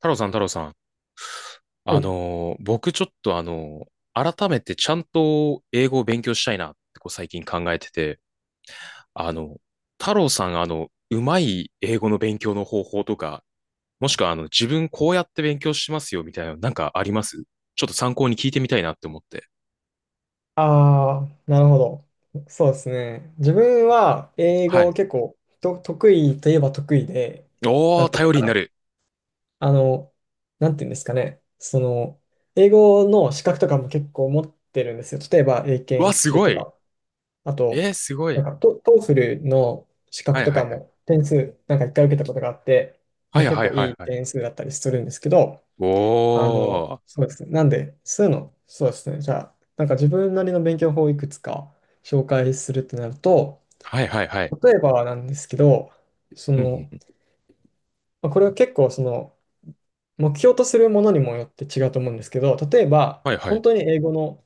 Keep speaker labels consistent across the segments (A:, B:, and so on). A: 太郎さん、太郎さん。
B: はい。
A: 僕ちょっと改めてちゃんと英語を勉強したいなってこう最近考えてて、あの、太郎さん、うまい英語の勉強の方法とか、もしくは自分こうやって勉強しますよみたいなのなんかありますちょっと参考に聞いてみたいなって思って。
B: ああ、なるほど。そうですね。自分は英
A: は
B: 語
A: い。
B: 結構と得意といえば得意で、な
A: おー、
B: んていうの
A: 頼
B: か
A: りにな
B: な。
A: る。
B: あの、なんていうんですかね。英語の資格とかも結構持ってるんですよ。例えば英
A: う
B: 検
A: わ、
B: 一
A: す
B: 級
A: ご
B: と
A: い。
B: か、あと、
A: えー、すご
B: なん
A: い。
B: かトーフルの資
A: は
B: 格
A: い
B: と
A: はい
B: か
A: はい。
B: も点数、なんか一回受けたことがあって、
A: は
B: まあ、
A: い
B: 結
A: はい
B: 構
A: は
B: い
A: い
B: い
A: はい。
B: 点数だったりするんですけど、
A: おー。
B: そうですね。なんで、そうですね。じゃあ、なんか自分なりの勉強法をいくつか紹介するってなると、
A: はいはいはい。
B: 例えばなんですけど、そ
A: うん
B: の、
A: うん。
B: まあこれは結構目標とするものにもよって違うと思うんですけど、例えば、
A: はいは
B: 本
A: い。
B: 当に英語の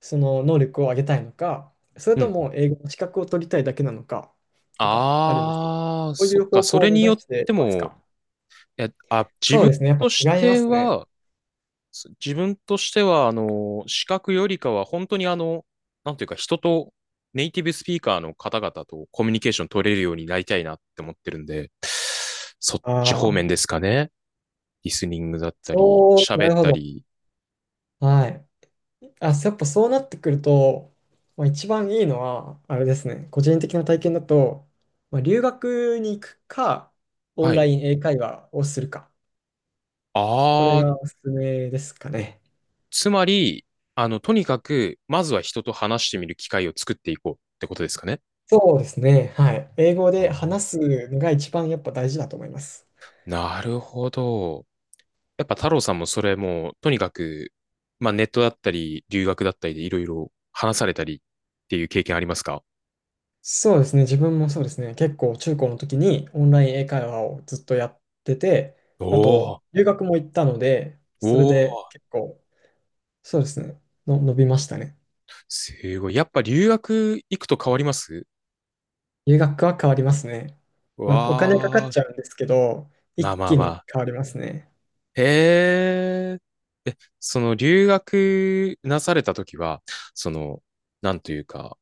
B: その能力を上げたいのか、それ
A: う
B: と
A: ん。
B: も英語の資格を取りたいだけなのか、とかあるんですけど、
A: ああ、
B: こうい
A: そっ
B: う
A: か。
B: 方
A: そ
B: 向を
A: れ
B: 目
A: に
B: 指
A: よっ
B: して
A: て
B: ます
A: も、
B: か？
A: え、あ、
B: そうですね。やっ
A: とし
B: ぱ違いま
A: て
B: すね。
A: は、自分としては、視覚よりかは、本当になんていうか、人とネイティブスピーカーの方々とコミュニケーション取れるようになりたいなって思ってるんで、そっち方
B: あ
A: 面
B: あ、
A: ですかね。リスニングだったり、
B: そう、な
A: 喋
B: る
A: っ
B: ほ
A: た
B: ど。
A: り。
B: はい。あ、やっぱそうなってくると、まあ、一番いいのは、あれですね、個人的な体験だと、まあ、留学に行くか、オ
A: は
B: ンラ
A: い。
B: イン英会話をするか、これ
A: ああ、
B: がおすすめですかね。
A: つまり、とにかく、まずは人と話してみる機会を作っていこうってことですかね。
B: そうですね、はい。英語
A: あ
B: で
A: ー
B: 話すのが一番やっぱ大事だと思います。
A: なるほど。やっぱ太郎さんもそれもう、とにかく、まあネットだったり、留学だったりでいろいろ話されたりっていう経験ありますか？
B: そうですね、自分もそうですね、結構中高の時にオンライン英会話をずっとやってて、あ
A: お
B: と、
A: ー、
B: 留学も行ったので、それ
A: おー、
B: で結構、そうですね、の伸びましたね。
A: すごい。やっぱ留学行くと変わります？
B: 留学は変わりますね。
A: わ
B: まあ、お金かかっ
A: ー、
B: ちゃうんですけど、
A: まあ
B: 一
A: まあ
B: 気
A: ま
B: に
A: あ。
B: 変わりますね。
A: へー。え、その留学なされた時は、その、なんというか、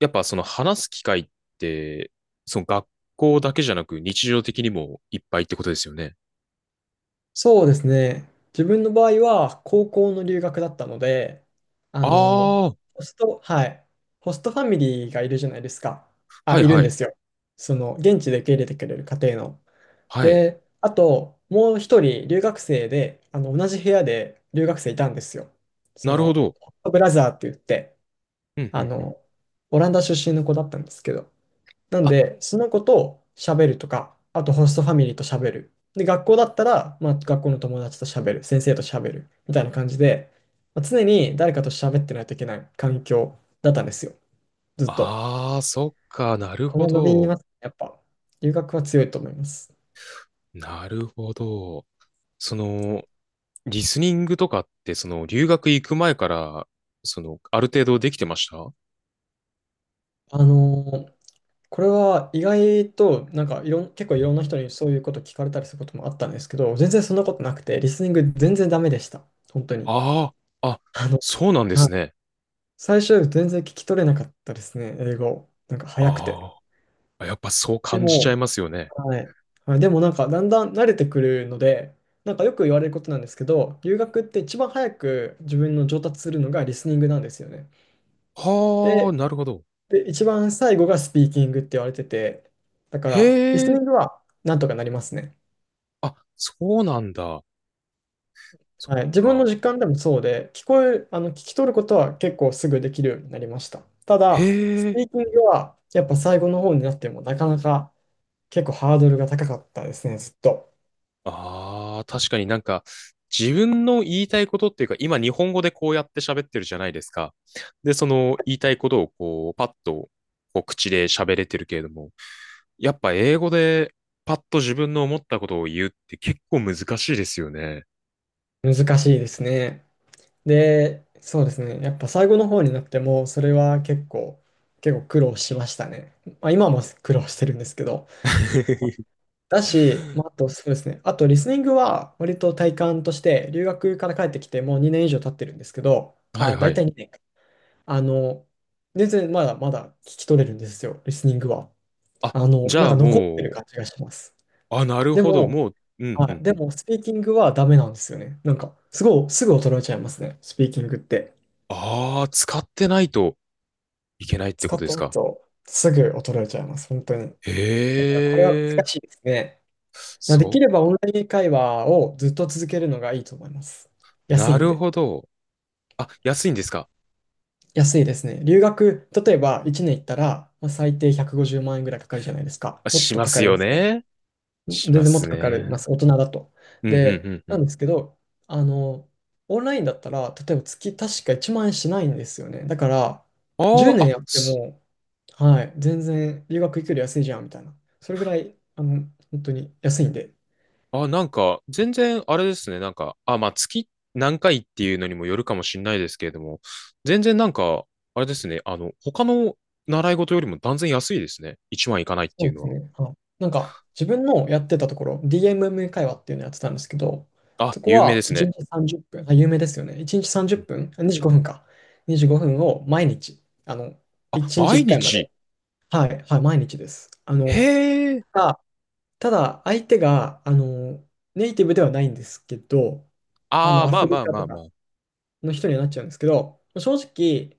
A: やっぱその話す機会って、その学校だけじゃなく日常的にもいっぱいってことですよね。
B: そうですね。自分の場合は高校の留学だったので、あ
A: あ
B: の、
A: あ、
B: ホスト、はい、ホストファミリーがいるじゃないですか。
A: は
B: あ、
A: い
B: いる
A: は
B: んで
A: い、
B: すよ。その、現地で受け入れてくれる家庭の。
A: はい。
B: で、あと、もう一人留学生で、同じ部屋で留学生いたんですよ。
A: なるほど。
B: ホットブラザーって言って、
A: うんう
B: あ
A: んうん。
B: の、オランダ出身の子だったんですけど、なん
A: あ、
B: で、その子と喋るとか、あとホストファミリーと喋る。で、学校だったら、まあ、学校の友達と喋る、先生と喋る、みたいな感じで、まあ、常に誰かと喋ってないといけない環境だったんですよ。ずっと。
A: ああ、そっか、なる
B: こ
A: ほ
B: れは伸び
A: ど。
B: ますね。やっぱ、留学は強いと思います。
A: なるほど。その、リスニングとかって、その、留学行く前から、その、ある程度できてました？
B: あのーこれは意外と、なんかいろん、結構いろんな人にそういうこと聞かれたりすることもあったんですけど、全然そんなことなくて、リスニング全然ダメでした。本当に。
A: ああ、あ、
B: あの、
A: そうなんで
B: は
A: す
B: い。
A: ね。
B: 最初全然聞き取れなかったですね、英語。なんか早くて。
A: ああ、やっぱそう
B: で
A: 感じちゃい
B: も、
A: ますよね。
B: はい。はい、でもなんかだんだん慣れてくるので、なんかよく言われることなんですけど、留学って一番早く自分の上達するのがリスニングなんですよね。
A: はあ、
B: で、
A: なるほど。
B: で、一番最後がスピーキングって言われてて、だからリ
A: へ
B: ス
A: え、
B: ニングはなんとかなりますね。
A: あ、そうなんだ。そっ
B: はい、自分
A: か。
B: の実感でもそうで、聞こえる、あの、聞き取ることは結構すぐできるようになりました。ただ、
A: へ
B: ス
A: え。
B: ピーキングはやっぱ最後の方になってもなかなか結構ハードルが高かったですね、ずっと。
A: ああ、確かになんか、自分の言いたいことっていうか、今日本語でこうやって喋ってるじゃないですか。で、その言いたいことをこう、パッとこう口で喋れてるけれども、やっぱ英語でパッと自分の思ったことを言うって結構難しいですよね。
B: 難しいですね。で、そうですね、やっぱ最後の方になっても、それは結構、苦労しましたね。まあ、今も苦労してるんですけど。だし、まあ、あとそうですね、あとリスニングは割と体感として、留学から帰ってきてもう2年以上経ってるんですけど、
A: はい
B: あ、
A: は
B: 大
A: い。
B: 体2年か。あの、全然まだまだ聞き取れるんですよ、リスニングは。
A: あ、じ
B: な
A: ゃ
B: ん
A: あ
B: か残ってる
A: も
B: 感じがします。
A: う、あ、なる
B: で
A: ほど、
B: も、
A: もう、うんう
B: はい。
A: ん
B: で
A: うん。
B: も、スピーキングはダメなんですよね。なんか、すごい、すぐ衰えちゃいますね。スピーキングって。
A: ああ、使ってないといけないって
B: 使
A: こ
B: っ
A: とです
B: てない
A: か？
B: と、すぐ衰えちゃいます。本当に。
A: へ
B: だから、これは難
A: え、
B: しいですね。で
A: そ
B: きればオンライン会話をずっと続けるのがいいと思います。
A: う、
B: 安
A: な
B: いん
A: る
B: で。
A: ほど。あ、安いんですか？
B: 安いですね。留学、例えば1年行ったら、まあ最低150万円ぐらいかかるじゃないですか。
A: あ、
B: もっ
A: し
B: と
A: ま
B: かか
A: す
B: り
A: よ
B: ますね。
A: ね。
B: 全
A: しま
B: 然もっ
A: す
B: とかかりま
A: ね。
B: す、大人だと。
A: うん、うん、
B: で、
A: うん、う
B: な
A: ん。
B: んですけど、あの、オンラインだったら、例えば月確か1万円しないんですよね。だから、
A: あ
B: 10
A: あ、
B: 年や
A: あ、
B: って
A: す
B: も、はい、全然留学行くより安いじゃんみたいな。それぐらい、本当に安いんで。
A: あ、なんか、全然、あれですね。なんか、あ、まあ、月何回っていうのにもよるかもしれないですけれども、全然なんか、あれですね。他の習い事よりも断然安いですね。1万いかないって
B: そ
A: いう
B: うで
A: の
B: す
A: は。
B: ね。はい。なんか、自分のやってたところ、DMM 会話っていうのやってたんですけど、
A: あ、
B: そこ
A: 有名で
B: は
A: す
B: 1
A: ね。
B: 日30分、あ、有名ですよね。1日30
A: うん。
B: 分、あ25分か。25分を毎日、
A: あ、
B: 1日
A: 毎
B: 1回まで。
A: 日。
B: はい、はい、毎日です。
A: へえ。
B: あただ、相手が、ネイティブではないんですけど、
A: ああ、
B: ア
A: まあ
B: フリ
A: まあ
B: カ
A: ま
B: と
A: あま
B: か
A: あ。
B: の人にはなっちゃうんですけど、正直、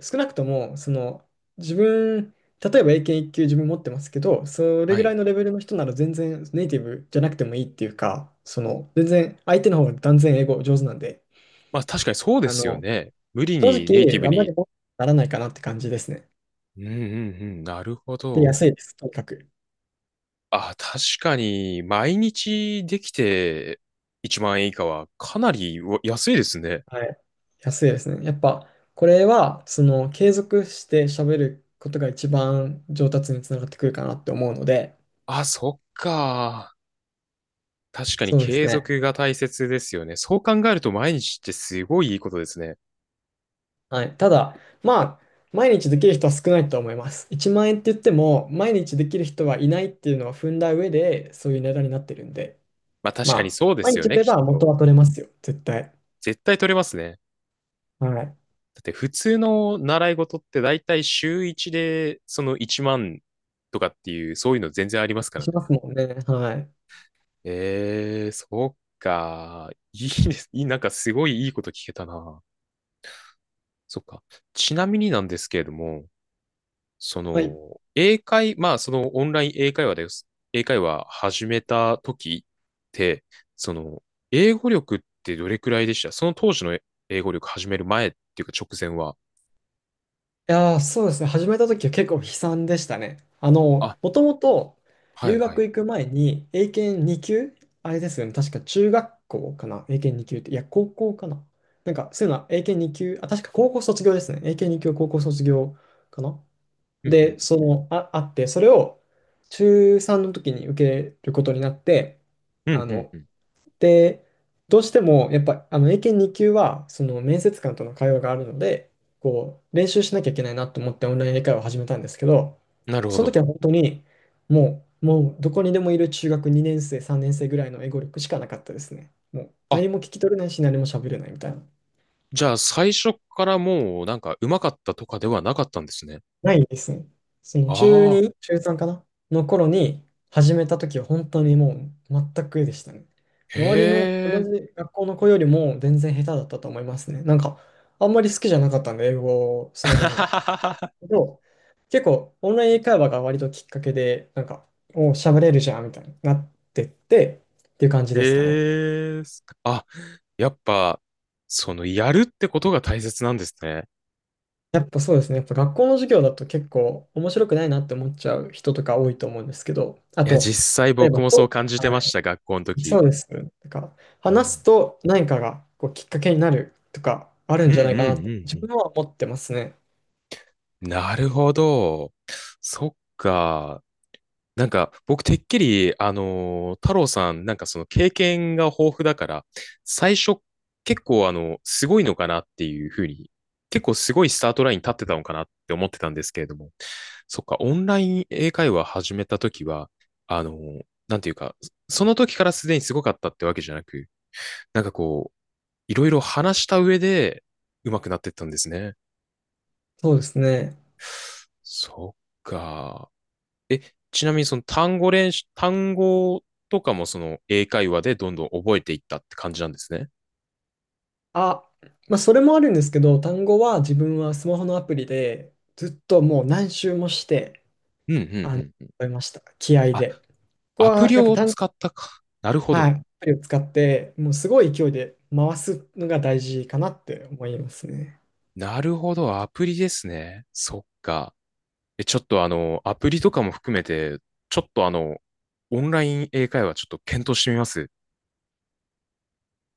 B: 少なくとも、自分、例えば英検一級自分持ってますけど、それ
A: は
B: ぐら
A: い。
B: いのレベルの人なら全然ネイティブじゃなくてもいいっていうか、全然相手の方が断然英語上手なんで、
A: まあ、確かにそうで
B: あ
A: すよ
B: の、
A: ね。無理
B: 正
A: にネイティ
B: 直、
A: ブ
B: あんま
A: に。
B: り問題にならないかなって感じですね。
A: うん、うん、うん。なるほ
B: で、
A: ど。
B: 安いです、とにかく。
A: あ、確かに、毎日できて1万円以下はかなりうわ安いですね。
B: はい。安いですね。やっぱ、これは、継続して喋ることが一番上達につながってくるかなって思うので、
A: あ、そっか。確かに
B: そうです
A: 継
B: ね。
A: 続が大切ですよね。そう考えると毎日ってすごいいいことですね。
B: はい。ただ、まあ、毎日できる人は少ないと思います。1万円って言っても、毎日できる人はいないっていうのは踏んだ上で、そういう値段になってるんで、
A: まあ確かに
B: まあ、
A: そうで
B: 毎
A: す
B: 日
A: よ
B: や
A: ね、
B: れ
A: き
B: ば
A: っ
B: 元
A: と。
B: は取れますよ、絶対。
A: 絶対取れますね。
B: はい。
A: だって普通の習い事って大体週1でその1万とかっていう、そういうの全然ありますから
B: しま
A: ね。
B: すもんね。はい。
A: そっか。いいです。いい、なんかすごいいいこと聞けたな。そっか。ちなみになんですけれども、そ
B: はい。
A: の、まあ、そのオンライン英会話です。英会話始めた時って、その、英語力ってどれくらいでした？その当時の英語力始める前っていうか直前は。
B: いやー、そうですね。始めた時は結構悲惨でしたね。
A: あ、
B: もともと
A: はい
B: 留
A: は
B: 学
A: い。
B: 行く前に英検2級あれですよね。確か中学校かな。英検2級って。いや、高校かな。なんか、そういうのは英検2級、あ、確か高校卒業ですね。英検2級高校卒業かな。
A: うんうん。
B: で、あって、それを中3の時に受けることになって、
A: う
B: あ
A: んうんう
B: の、
A: ん。
B: で、どうしても、やっぱ、英検2級は、面接官との会話があるので、こう、練習しなきゃいけないなと思ってオンライン英会話を始めたんですけど、
A: なるほ
B: その
A: ど。
B: 時は本当に、もう、もう、どこにでもいる中学2年生、3年生ぐらいの英語力しかなかったですね。もう、
A: あ、
B: 何も聞き取れないし、何も喋れないみたいな。
A: じゃあ最初からもうなんか上手かったとかではなかったんですね。
B: ないですね。その
A: あ
B: 中
A: あ、
B: 2、中3かなの頃に始めた時は本当にもう全くでしたね。
A: へ
B: 周りの同
A: え。
B: じ学校の子よりも全然下手だったと思いますね。なんかあんまり好きじゃなかったんで、英語そのものが。けど、結構オンライン英会話が割ときっかけで、なんか、お喋れるじゃんみたいになってってっていう感じですかね。
A: ええ。あ、やっぱ、やるってことが大切なんですね。
B: やっぱそうですね。やっぱ学校の授業だと結構面白くないなって思っちゃう人とか多いと思うんですけど、あ
A: いや、
B: と、
A: 実際
B: 例え
A: 僕
B: ば
A: もそう
B: と、
A: 感じ
B: は
A: てました、学校の
B: い、
A: 時。
B: そうです。なんか、
A: う
B: 話す
A: ん、
B: と何かがこうきっかけになるとかある
A: うん
B: ん
A: う
B: じゃないかなって
A: んう
B: 自
A: ん
B: 分は思ってますね。
A: うん。なるほど。そっか。なんか、僕、てっきり、太郎さん、なんかその経験が豊富だから、最初、結構、すごいのかなっていうふうに、結構すごいスタートラインに立ってたのかなって思ってたんですけれども。そっか、オンライン英会話始めたときは、あの、なんていうか、その時からすでにすごかったってわけじゃなく、なんかこう、いろいろ話した上で上手くなってったんですね。
B: そうですね。
A: そっか。え、ちなみにその単語練習、単語とかもその英会話でどんどん覚えていったって感じなんですね。
B: あ、まあそれもあるんですけど、単語は自分はスマホのアプリでずっともう何周もして、
A: うんう
B: あの、
A: んうん。
B: 覚えました。気合
A: あ、
B: で。ここ
A: アプ
B: は
A: リ
B: やっぱ
A: を使ったか。なるほ
B: はい、
A: ど。
B: アプリを使って、もうすごい勢いで回すのが大事かなって思いますね。
A: なるほど、アプリですね。そっか。え、ちょっとアプリとかも含めて、ちょっとオンライン英会話ちょっと検討してみます。